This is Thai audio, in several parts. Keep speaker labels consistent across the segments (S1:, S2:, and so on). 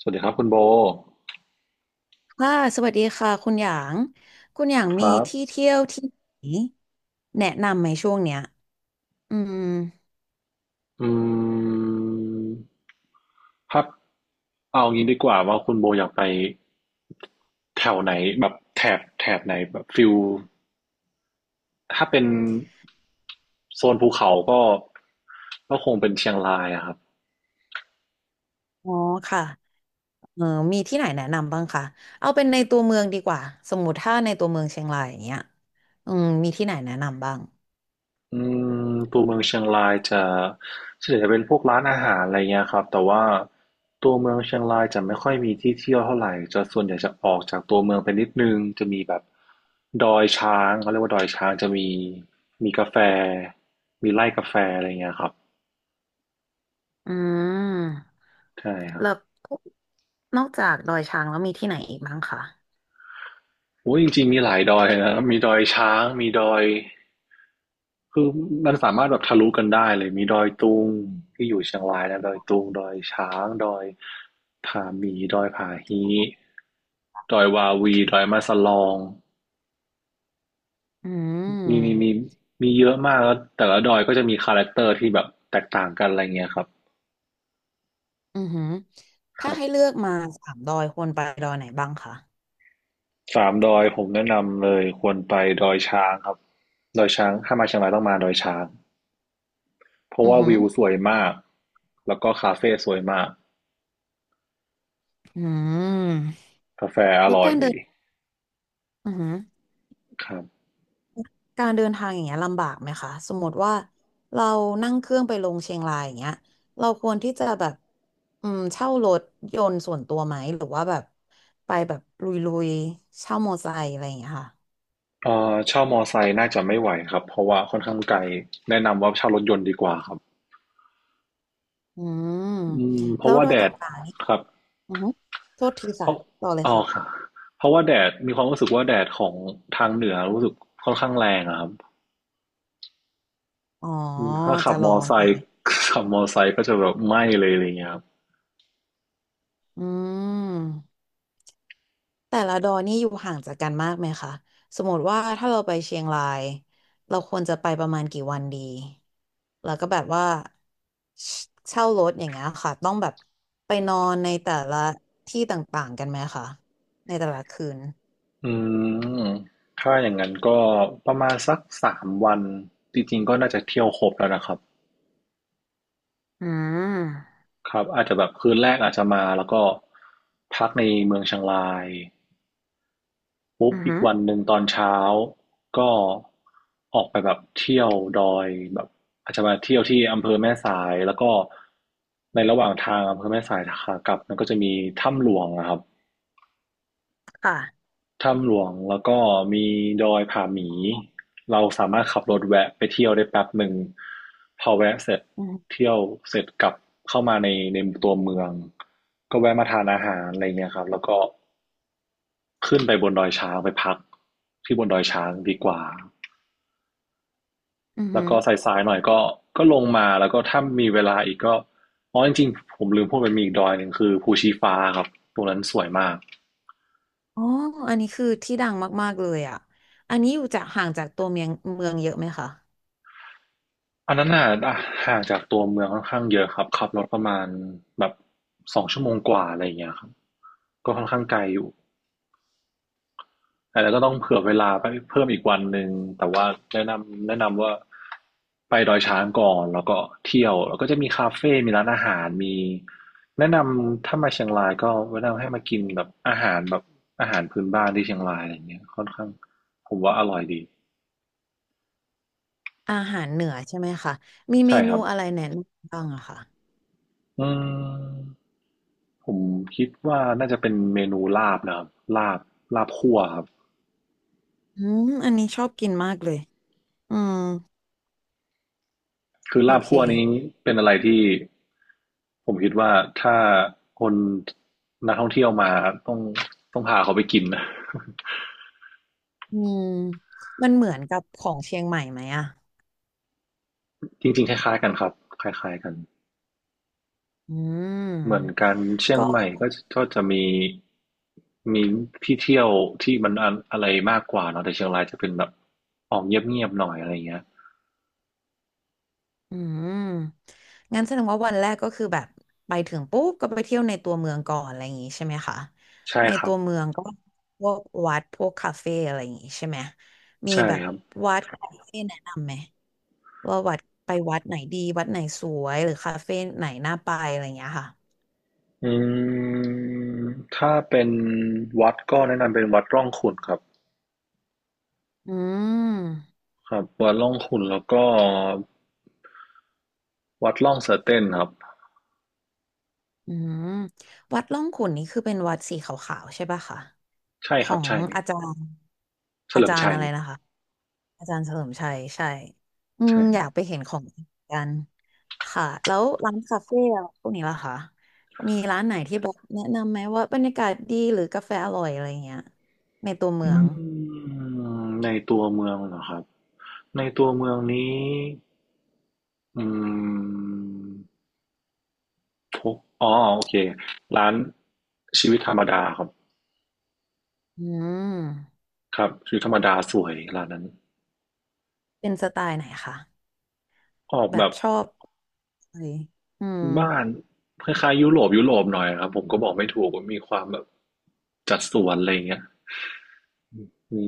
S1: สวัสดีครับคุณโบ
S2: ค่ะสวัสดีค่ะคุณหยางคุณหยาง
S1: ค
S2: มี
S1: รับ
S2: ที่เที่ยวที่ไหนแนะนำไหมช่วงเนี้ยอืม
S1: อืมครับเอางี้ดีกว่าว่าคุณโบอยากไปแถวไหนแบบแถบไหนแบบฟิลถ้าเป็นโซนภูเขาก็คงเป็นเชียงรายอะครับ
S2: อ๋อค่ะเออมีที่ไหนแนะนำบ้างคะเอาเป็นในตัวเมืองดีกว่าสมมติถ้าในตัวเมืองเชียงรายอย่างเงี้ยอืมมีที่ไหนแนะนำบ้าง
S1: อืมตัวเมืองเชียงรายจะส่วนใหญ่จะเป็นพวกร้านอาหารอะไรเงี้ยครับแต่ว่าตัวเมืองเชียงรายจะไม่ค่อยมีที่เที่ยวเท่าไหร่จะส่วนใหญ่จะออกจากตัวเมืองไปนิดนึงจะมีแบบดอยช้างเขาเรียกว่าดอยช้างจะมีกาแฟมีไร่กาแฟอะไรเงี้ยครับ
S2: อืม
S1: ใช่ครับ
S2: แล้วนอกจากดอยช้างแล้วมีที่ไหนอีกบ้างคะ
S1: โอ้ยจริงๆมีหลายดอยนะมีดอยช้างมีดอย คือมันสามารถแบบทะลุกันได้เลยมีดอยตุงที่อยู่เชียงรายนะดอยตุงดอยช้างดอยผาหมีดอยผาฮีดอยวาวีดอยมาสลอง
S2: อื
S1: มี
S2: ม
S1: มีเยอะมากแล้วแต่ละดอยก็จะมีคาแรคเตอร์ที่แบบแตกต่างกันอะไรเงี้ยครับ
S2: อือหือ
S1: ค
S2: ถ้า
S1: รั
S2: ให้
S1: บ
S2: เลือกมาสามดอยควรไปดอยไหนบ้างคะ
S1: สามดอยผมแนะนำเลยควรไปดอยช้างครับดอยช้างถ้ามาเชียงรายต้องมาดอยช้างเพราะ
S2: อือ
S1: ว่า
S2: หือ
S1: วิวสวยมากแล้วก็คาเฟ่สวยมาก
S2: อืม
S1: กาแฟอ
S2: แล้ว
S1: ร่อ
S2: กา
S1: ย
S2: รเดินอือหือ
S1: ครับ
S2: การเดินทางอย่างเงี้ยลำบากไหมคะสมมติว่าเรานั่งเครื่องไปลงเชียงรายอย่างเงี้ยเราควรที่จะแบบอืมเช่ารถยนต์ส่วนตัวไหมหรือว่าแบบไปแบบลุยๆเช่ามอไซค์อะไรอย่างเงี้ยค่ะ
S1: เช่ามอไซค์น่าจะไม่ไหวครับเพราะว่าค่อนข้างไกลแนะนำว่าเช่ารถยนต์ดีกว่าครับ
S2: อืม
S1: อืมเพ
S2: แล้
S1: ราะ
S2: ว
S1: ว่า
S2: โดย
S1: แด
S2: ต
S1: ด
S2: ่างๆนี่
S1: ครับ
S2: อือฮึโทษที
S1: เพ
S2: ค่ะ
S1: ราะ
S2: ต่อเลย
S1: อ๋อ
S2: ค่ะ
S1: ครับเพราะว่าแดดมีความรู้สึกว่าแดดของทางเหนือรู้สึกค่อนข้างแรงอะครับ
S2: อ๋อ
S1: อืมถ้าขั
S2: จะ
S1: บ
S2: ร
S1: ม
S2: อ
S1: อไซค์
S2: นี่
S1: ขับมอไซค์ก็จะแบบไหม้เลยอะไรเงี้ยครับ
S2: อืม แต่ละดอยนี่อยู่ห่างจากกันมากไหมคะสมมติว่าถ้าเราไปเชียงรายเราควรจะไปประมาณกี่วันดีแล้วก็แบบว่าเชเช่ารถอย่างเงี้ยค่ะต้องแบบไปนอนในแต่ละที่ต่างๆกันไหมคะในแต่ละคืน
S1: อืมถ้าอย่างนั้นก็ประมาณสัก3วันจริงๆก็น่าจะเที่ยวครบแล้วนะครับ
S2: อืม
S1: ครับอาจจะแบบคืนแรกอาจจะมาแล้วก็พักในเมืองเชียงราย ปุ๊บ
S2: อือ
S1: อีก
S2: หือ
S1: วันหนึ่งตอนเช้าก็ออกไปแบบเที่ยวดอยแบบอาจจะมาเที่ยวที่อำเภอแม่สายแล้วก็ในระหว่างทางอำเภอแม่สายขากลับมันก็จะมีถ้ำหลวงนะครับ
S2: ค่ะ
S1: ถ้ำหลวงแล้วก็มีดอยผาหมีเราสามารถขับรถแวะไปเที่ยวได้แป๊บหนึ่งพอแวะเสร็จ
S2: อืม
S1: เที่ยวเสร็จกลับเข้ามาในตัวเมืองก็แวะมาทานอาหารอะไรเงี้ยครับแล้วก็ขึ้นไปบนดอยช้างไปพักที่บนดอยช้างดีกว่า
S2: อือ
S1: แล้
S2: หื
S1: ว
S2: อ
S1: ก็สายๆหน่อยก็ลงมาแล้วก็ถ้ามีเวลาอีกก็อ๋อจริงๆผมลืมพูดไปมีอีกดอยหนึ่งคือภูชีฟ้าครับตรงนั้นสวยมาก
S2: อ๋ออันนี้คือที่ดังมากๆเลยอ่ะอันนี้อยู่จากห่างจากตัวเมืองเยอะไหมคะ
S1: อันนั้นน่ะอ่ะห่างจากตัวเมืองค่อนข้างเยอะครับขับรถประมาณแบบสองชั่วโมงกว่าอะไรอย่างเงี้ยครับก็ค่อนข้างไกลอยู่ อาจจะก็ต้องเผื่อเวลาไปเพิ่มอีกวันหนึ่งแต่ว่าแนะนำว่าไปดอยช้างก่อนแล้วก็เที่ยวแล้วก็จะมีคาเฟ่มีร้านอาหาร มีแนะนำถ้ามาเชียงรายก็แนะนำให้มากินแบบอาหารแบบอาหารพื้นบ้านที่เชียงรายอะไรเงี้ยค่อนข้างผมว่าอร่อยดี
S2: อาหารเหนือใช่ไหมคะมีเม
S1: ใช่ค
S2: นู
S1: รับ
S2: อะไรแนะนำบ้างอะคะ
S1: อืมผมคิดว่าน่าจะเป็นเมนูลาบนะครับลาบลาบคั่วครับ
S2: อืมอันนี้ชอบกินมากเลยอืม
S1: คือ
S2: โอ
S1: ลาบ
S2: เค
S1: คั่วนี้เป็นอะไรที่ผมคิดว่าถ้าคนนักท่องเที่ยวมาต้องต้องพาเขาไปกินนะ
S2: อืมมันเหมือนกับของเชียงใหม่ไหมอ่ะ
S1: จริงๆคล้ายๆกันครับคล้ายๆกัน
S2: อื
S1: เหมือน
S2: ม
S1: กันเชียง
S2: ก็
S1: ใหม่ก็จะมีที่เที่ยวที่มันอะไรมากกว่าเนาะแต่เชียงรายจะเป็นแบบออกเงียบๆหน่อยอะไรเงี้ย
S2: อืมงั้นแสดงว่าวันแรกก็คือแบบไปถึงปุ๊บก็ไปเที่ยวในตัวเมืองก่อนอะไรอย่างงี้ใช่ไหมคะ
S1: ใช่
S2: ใน
S1: ครั
S2: ตั
S1: บ
S2: วเมืองก็พวกวัดพวกคาเฟ่อะไรอย่างงี้ใช่ไหมมี
S1: ใช่
S2: แบบ
S1: ครับ
S2: วัดคาเฟ่แนะนำไหมว่าวัดไปวัดไหนดีวัดไหนสวยหรือคาเฟ่ไหนน่าไปอะไรอย่างเงี้ยค่ะ
S1: อืมถ้าเป็นวัดก็แนะนำเป็นวัดร่องขุ่นครับ
S2: อืม
S1: ครับวัดร่องขุ่นแล้วก็ วัดล่องเสือเต้นครับ
S2: อืมวัดร่องขุ่นนี่คือเป็นวัดสีขาวๆใช่ป่ะคะ
S1: ใช่
S2: ข
S1: ค
S2: อ
S1: รับ
S2: ง
S1: ใช่
S2: อาจารย์
S1: เฉ
S2: อา
S1: ลิม
S2: จารย์
S1: ชั
S2: อะ
S1: ย
S2: ไรนะคะอาจารย์เฉลิมชัยใช่อืม
S1: ใช่ค
S2: อ
S1: รั
S2: ยา
S1: บ
S2: กไปเห็นของจริงกันค่ะแล้วร้านคาเฟ่อะพวกนี้ล่ะคะมีร้านไหนที่แบบแนะนำไหมว่าบรรยากาศดีหรือกาแฟอร่อยอะไรเงี้ยในตัวเมือ
S1: อื
S2: ง
S1: มในตัวเมืองเหรอครับในตัวเมืองนี้อืมทุกอ๋อโอเคร้านชีวิตธรรมดาครับ
S2: อืม
S1: ครับชีวิตธรรมดาสวยร้านนั้น
S2: เป็นสไตล์ไหนคะ
S1: ออก
S2: แบ
S1: แบ
S2: บ
S1: บ
S2: ชอบอะไรอืม
S1: บ้านคล้ายๆยุโรปหน่อยครับผมก็บอกไม่ถูกว่ามีความแบบจัดสวนอะไรอย่างเงี้ย มี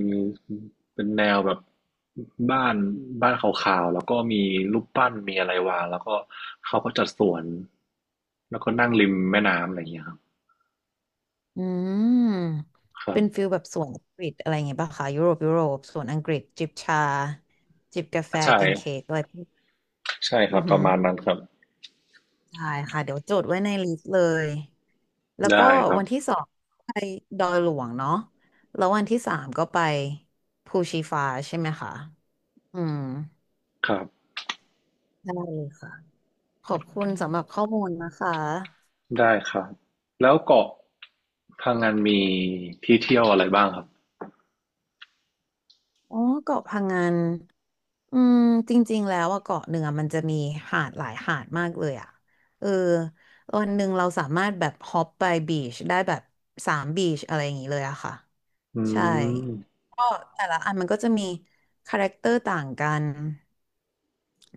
S1: เป็นแนวแบบบ้านบ้านขาวๆแล้วก็มีรูปปั้นมีอะไรวางแล้วก็เขาก็จัดสวนแล้วก็นั่งริมแม่น้ำอะไรอย่างเงี้ยครับ
S2: อืม
S1: ครั
S2: เป็นฟิ
S1: บ
S2: ลแบบสวนอังกฤษอะไรอย่างเงี้ยป่ะคะยุโรปยุโรปสวนอังกฤษจิบชาจิบกาแฟ
S1: ใช่
S2: กินเค้กอะไรพวก
S1: ใช่ค
S2: อื
S1: รับ
S2: อ
S1: ป
S2: หื
S1: ระ
S2: อ
S1: มาณนั้นครับ
S2: ใช่ค่ะเดี๋ยวจดไว้ในลิสต์เลยแล้วก็
S1: ได้ครับ
S2: วันที่สองไปดอยหลวงเนาะแล้ววันที่สามก็ไปภูชีฟ้าใช่ไหมคะอืม
S1: ครับ
S2: ได้เลยค่ะขอบคุณสำหรับข้อมูลนะคะ
S1: ได้ครับแล้วเกาะพังงานมีที่เที่ยวอะไรบ้างครับ
S2: อ๋อเกาะพังงานอืมจริงๆแล้วอะเกาะหนึ่งอะมันจะมีหาดหลายหาดมากเลยอะเออวันหนึ่งเราสามารถแบบฮอปไปบีชได้แบบสามบีชอะไรอย่างนี้เลยอะค่ะ
S1: อื
S2: ใช่
S1: ม
S2: ก็แต่ละอันมันก็จะมีคาแรคเตอร์ต่างกัน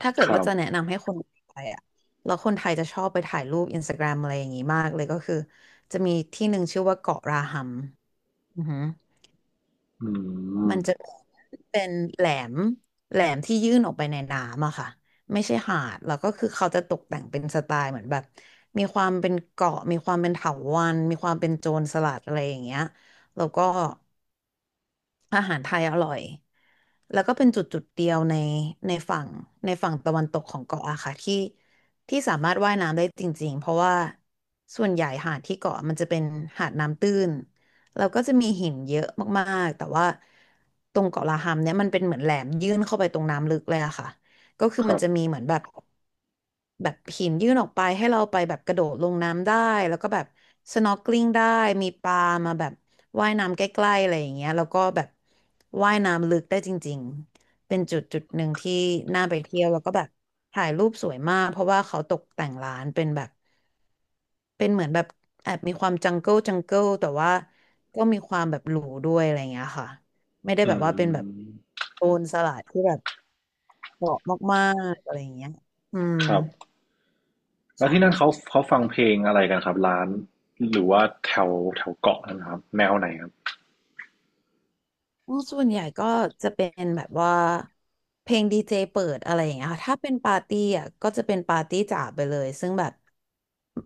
S2: ถ้าเกิ
S1: ค
S2: ด
S1: รั
S2: ว่า
S1: บ
S2: จะแนะนำให้คนไทยอะแล้วคนไทยจะชอบไปถ่ายรูปอินสตาแกรมอะไรอย่างนี้มากเลยก็คือจะมีที่หนึ่งชื่อว่าเกาะราหัมอือหือ
S1: อืม
S2: มันจะเป็นมแหลมที่ยื่นออกไปในน้ำอะค่ะไม่ใช่หาดแล้วก็คือเขาจะตกแต่งเป็นสไตล์เหมือนแบบมีความเป็นเกาะมีความเป็นเถาวัลย์มีความเป็นโจรสลัดอะไรอย่างเงี้ยแล้วก็อาหารไทยอร่อย แล้วก็เป็นจุดจุดเดียวในในฝั่งในฝั่งตะวันตกของเกาะอะค่ะที่ที่สามารถว่ายน้ำได้จริงๆเพราะว่าส่วนใหญ่หาดที่เกาะมันจะเป็นหาดน้ำตื้นแล้วก็จะมีหินเยอะมากๆแต่ว่าตรงเกาะลาฮัมเนี่ยมันเป็นเหมือนแหลมยื่นเข้าไปตรงน้ำลึกเลยอะค่ะก็คือ
S1: ค
S2: มั
S1: รั
S2: น
S1: บ
S2: จะมีเหมือนแบบ แบบหินยื่นออกไปให้เราไปแบบกระโดดลงน้ำได้แล้วก็แบบ s n o r k e l i งได้มีปลามาแบบว่ายน้ำใกล้ๆอะไรอย่างเงี้ยแล้วก็แบบว่ายน้ำลึกได้จริงๆเป็นจุดจุดหนึ่งที่น่าไปเที่ยวแล้วก็แบบถ่ายรูปสวยมากเพราะว่าเขาตกแต่งร้านเป็นแบบเป็นเหมือนแบบแอบมีความจังเกิลจังเกิลแต่ว่าก็มีความแบบหรูด้วยอะไรอย่างเงี้ยค่ะไม่ได้
S1: อื
S2: แบบว่าเป็นแบบ
S1: ม
S2: โซนสลัดที่แบบเหมาะมากๆอะไรอย่างเงี้ยอืม
S1: ครับ แล้วที่นั่น
S2: ค่ะ
S1: เขาฟังเพลงอะไรกันครับร้านหรือว่าแถวแถวเกาะนะครับแนวไหนครับ
S2: อ๋อส่วนใหญ่ก็จะเป็นแบบว่าเพลงดีเจเปิดอะไรอย่างเงี้ยค่ะถ้าเป็นปาร์ตี้อ่ะก็จะเป็นปาร์ตี้จ๋าไปเลยซึ่งแบบ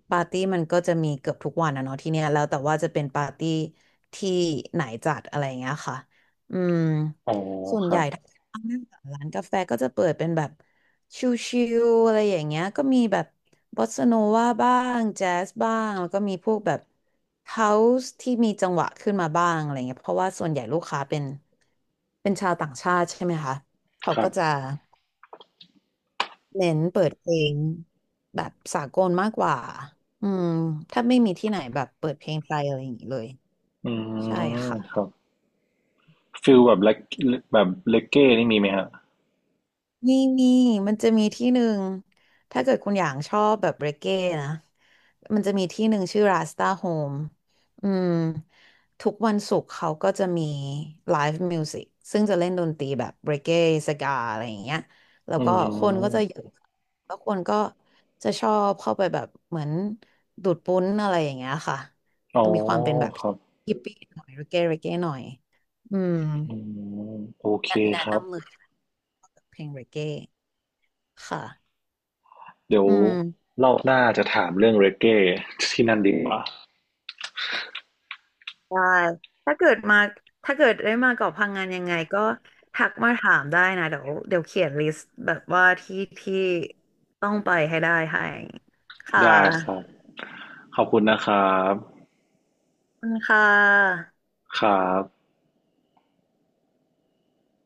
S2: ปาร์ตี้มันก็จะมีเกือบทุกวันอะเนาะที่เนี้ยแล้วแต่ว่าจะเป็นปาร์ตี้ที่ไหนจัดอะไรอย่างเงี้ยค่ะอืม
S1: อ๋อ
S2: ส่วน
S1: ค
S2: ให
S1: รั
S2: ญ่
S1: บ
S2: ถ้านั่งร้านกาแฟก็จะเปิดเป็นแบบชิลๆอะไรอย่างเงี้ยก็มีแบบ บอสซาโนวาบ้างแจ๊สบ้างแล้วก็มีพวกแบบเฮาส์ที่มีจังหวะขึ้นมาบ้างอะไรเงี้ยเพราะว่าส่วนใหญ่ลูกค้าเป็นเป็นชาวต่างชาติใช่ไหมคะเขา
S1: ครั
S2: ก็จะ
S1: บ
S2: เน้นเปิดเพลงแบบสากลมากกว่าอืมถ้าไม่มีที่ไหนแบบเปิดเพลงไทยอะไรอย่างนี้เลย
S1: อื
S2: ใช่
S1: ม
S2: ค่ะ
S1: ครับฟิลแบบเลกแบบเลกเก้นี่มีไหมฮะ
S2: มีมีมันจะมีที่หนึ่งถ้าเกิดคุณอย่างชอบแบบเรเก้นะมันจะมีที่หนึ่งชื่อราสตาโฮมอืมทุกวันศุกร์เขาก็จะมีไลฟ์มิวสิกซึ่งจะเล่นดนตรีแบบเรเก้สกาอะไรอย่างเงี้ยแล้ว
S1: อื
S2: ก็คนก็จะเย
S1: ม
S2: อะแล้วคนก็จะชอบเข้าไปแบบเหมือนดูดปุ้นอะไรอย่างเงี้ยค่ะ
S1: อ๋อ
S2: มีความเป็นแบบ
S1: ครับ
S2: ฮิปปี้หน่อยเรเก้เรเก้หน่อยอืม
S1: อืมโอเค
S2: แนะแนะ
S1: ครับ
S2: นำเลยเพลงเรเก้ค่ะ
S1: เดี๋ยว
S2: อืม
S1: เร่าหน้าจะถามเรื่องเรเก้ที่นั่นดีกว่า
S2: ได้ถ้าเกิดมาถ้าเกิดได้มาเกาะพังงานยังไงก็ทักมาถามได้นะเดี๋ยวเขียนลิสต์แบบว่าที่ที่ต้องไปให้ได้ให้ค่ะ
S1: ได้ครับขอบคุณนะครับ
S2: ขอบคุณค่ะ
S1: ครับ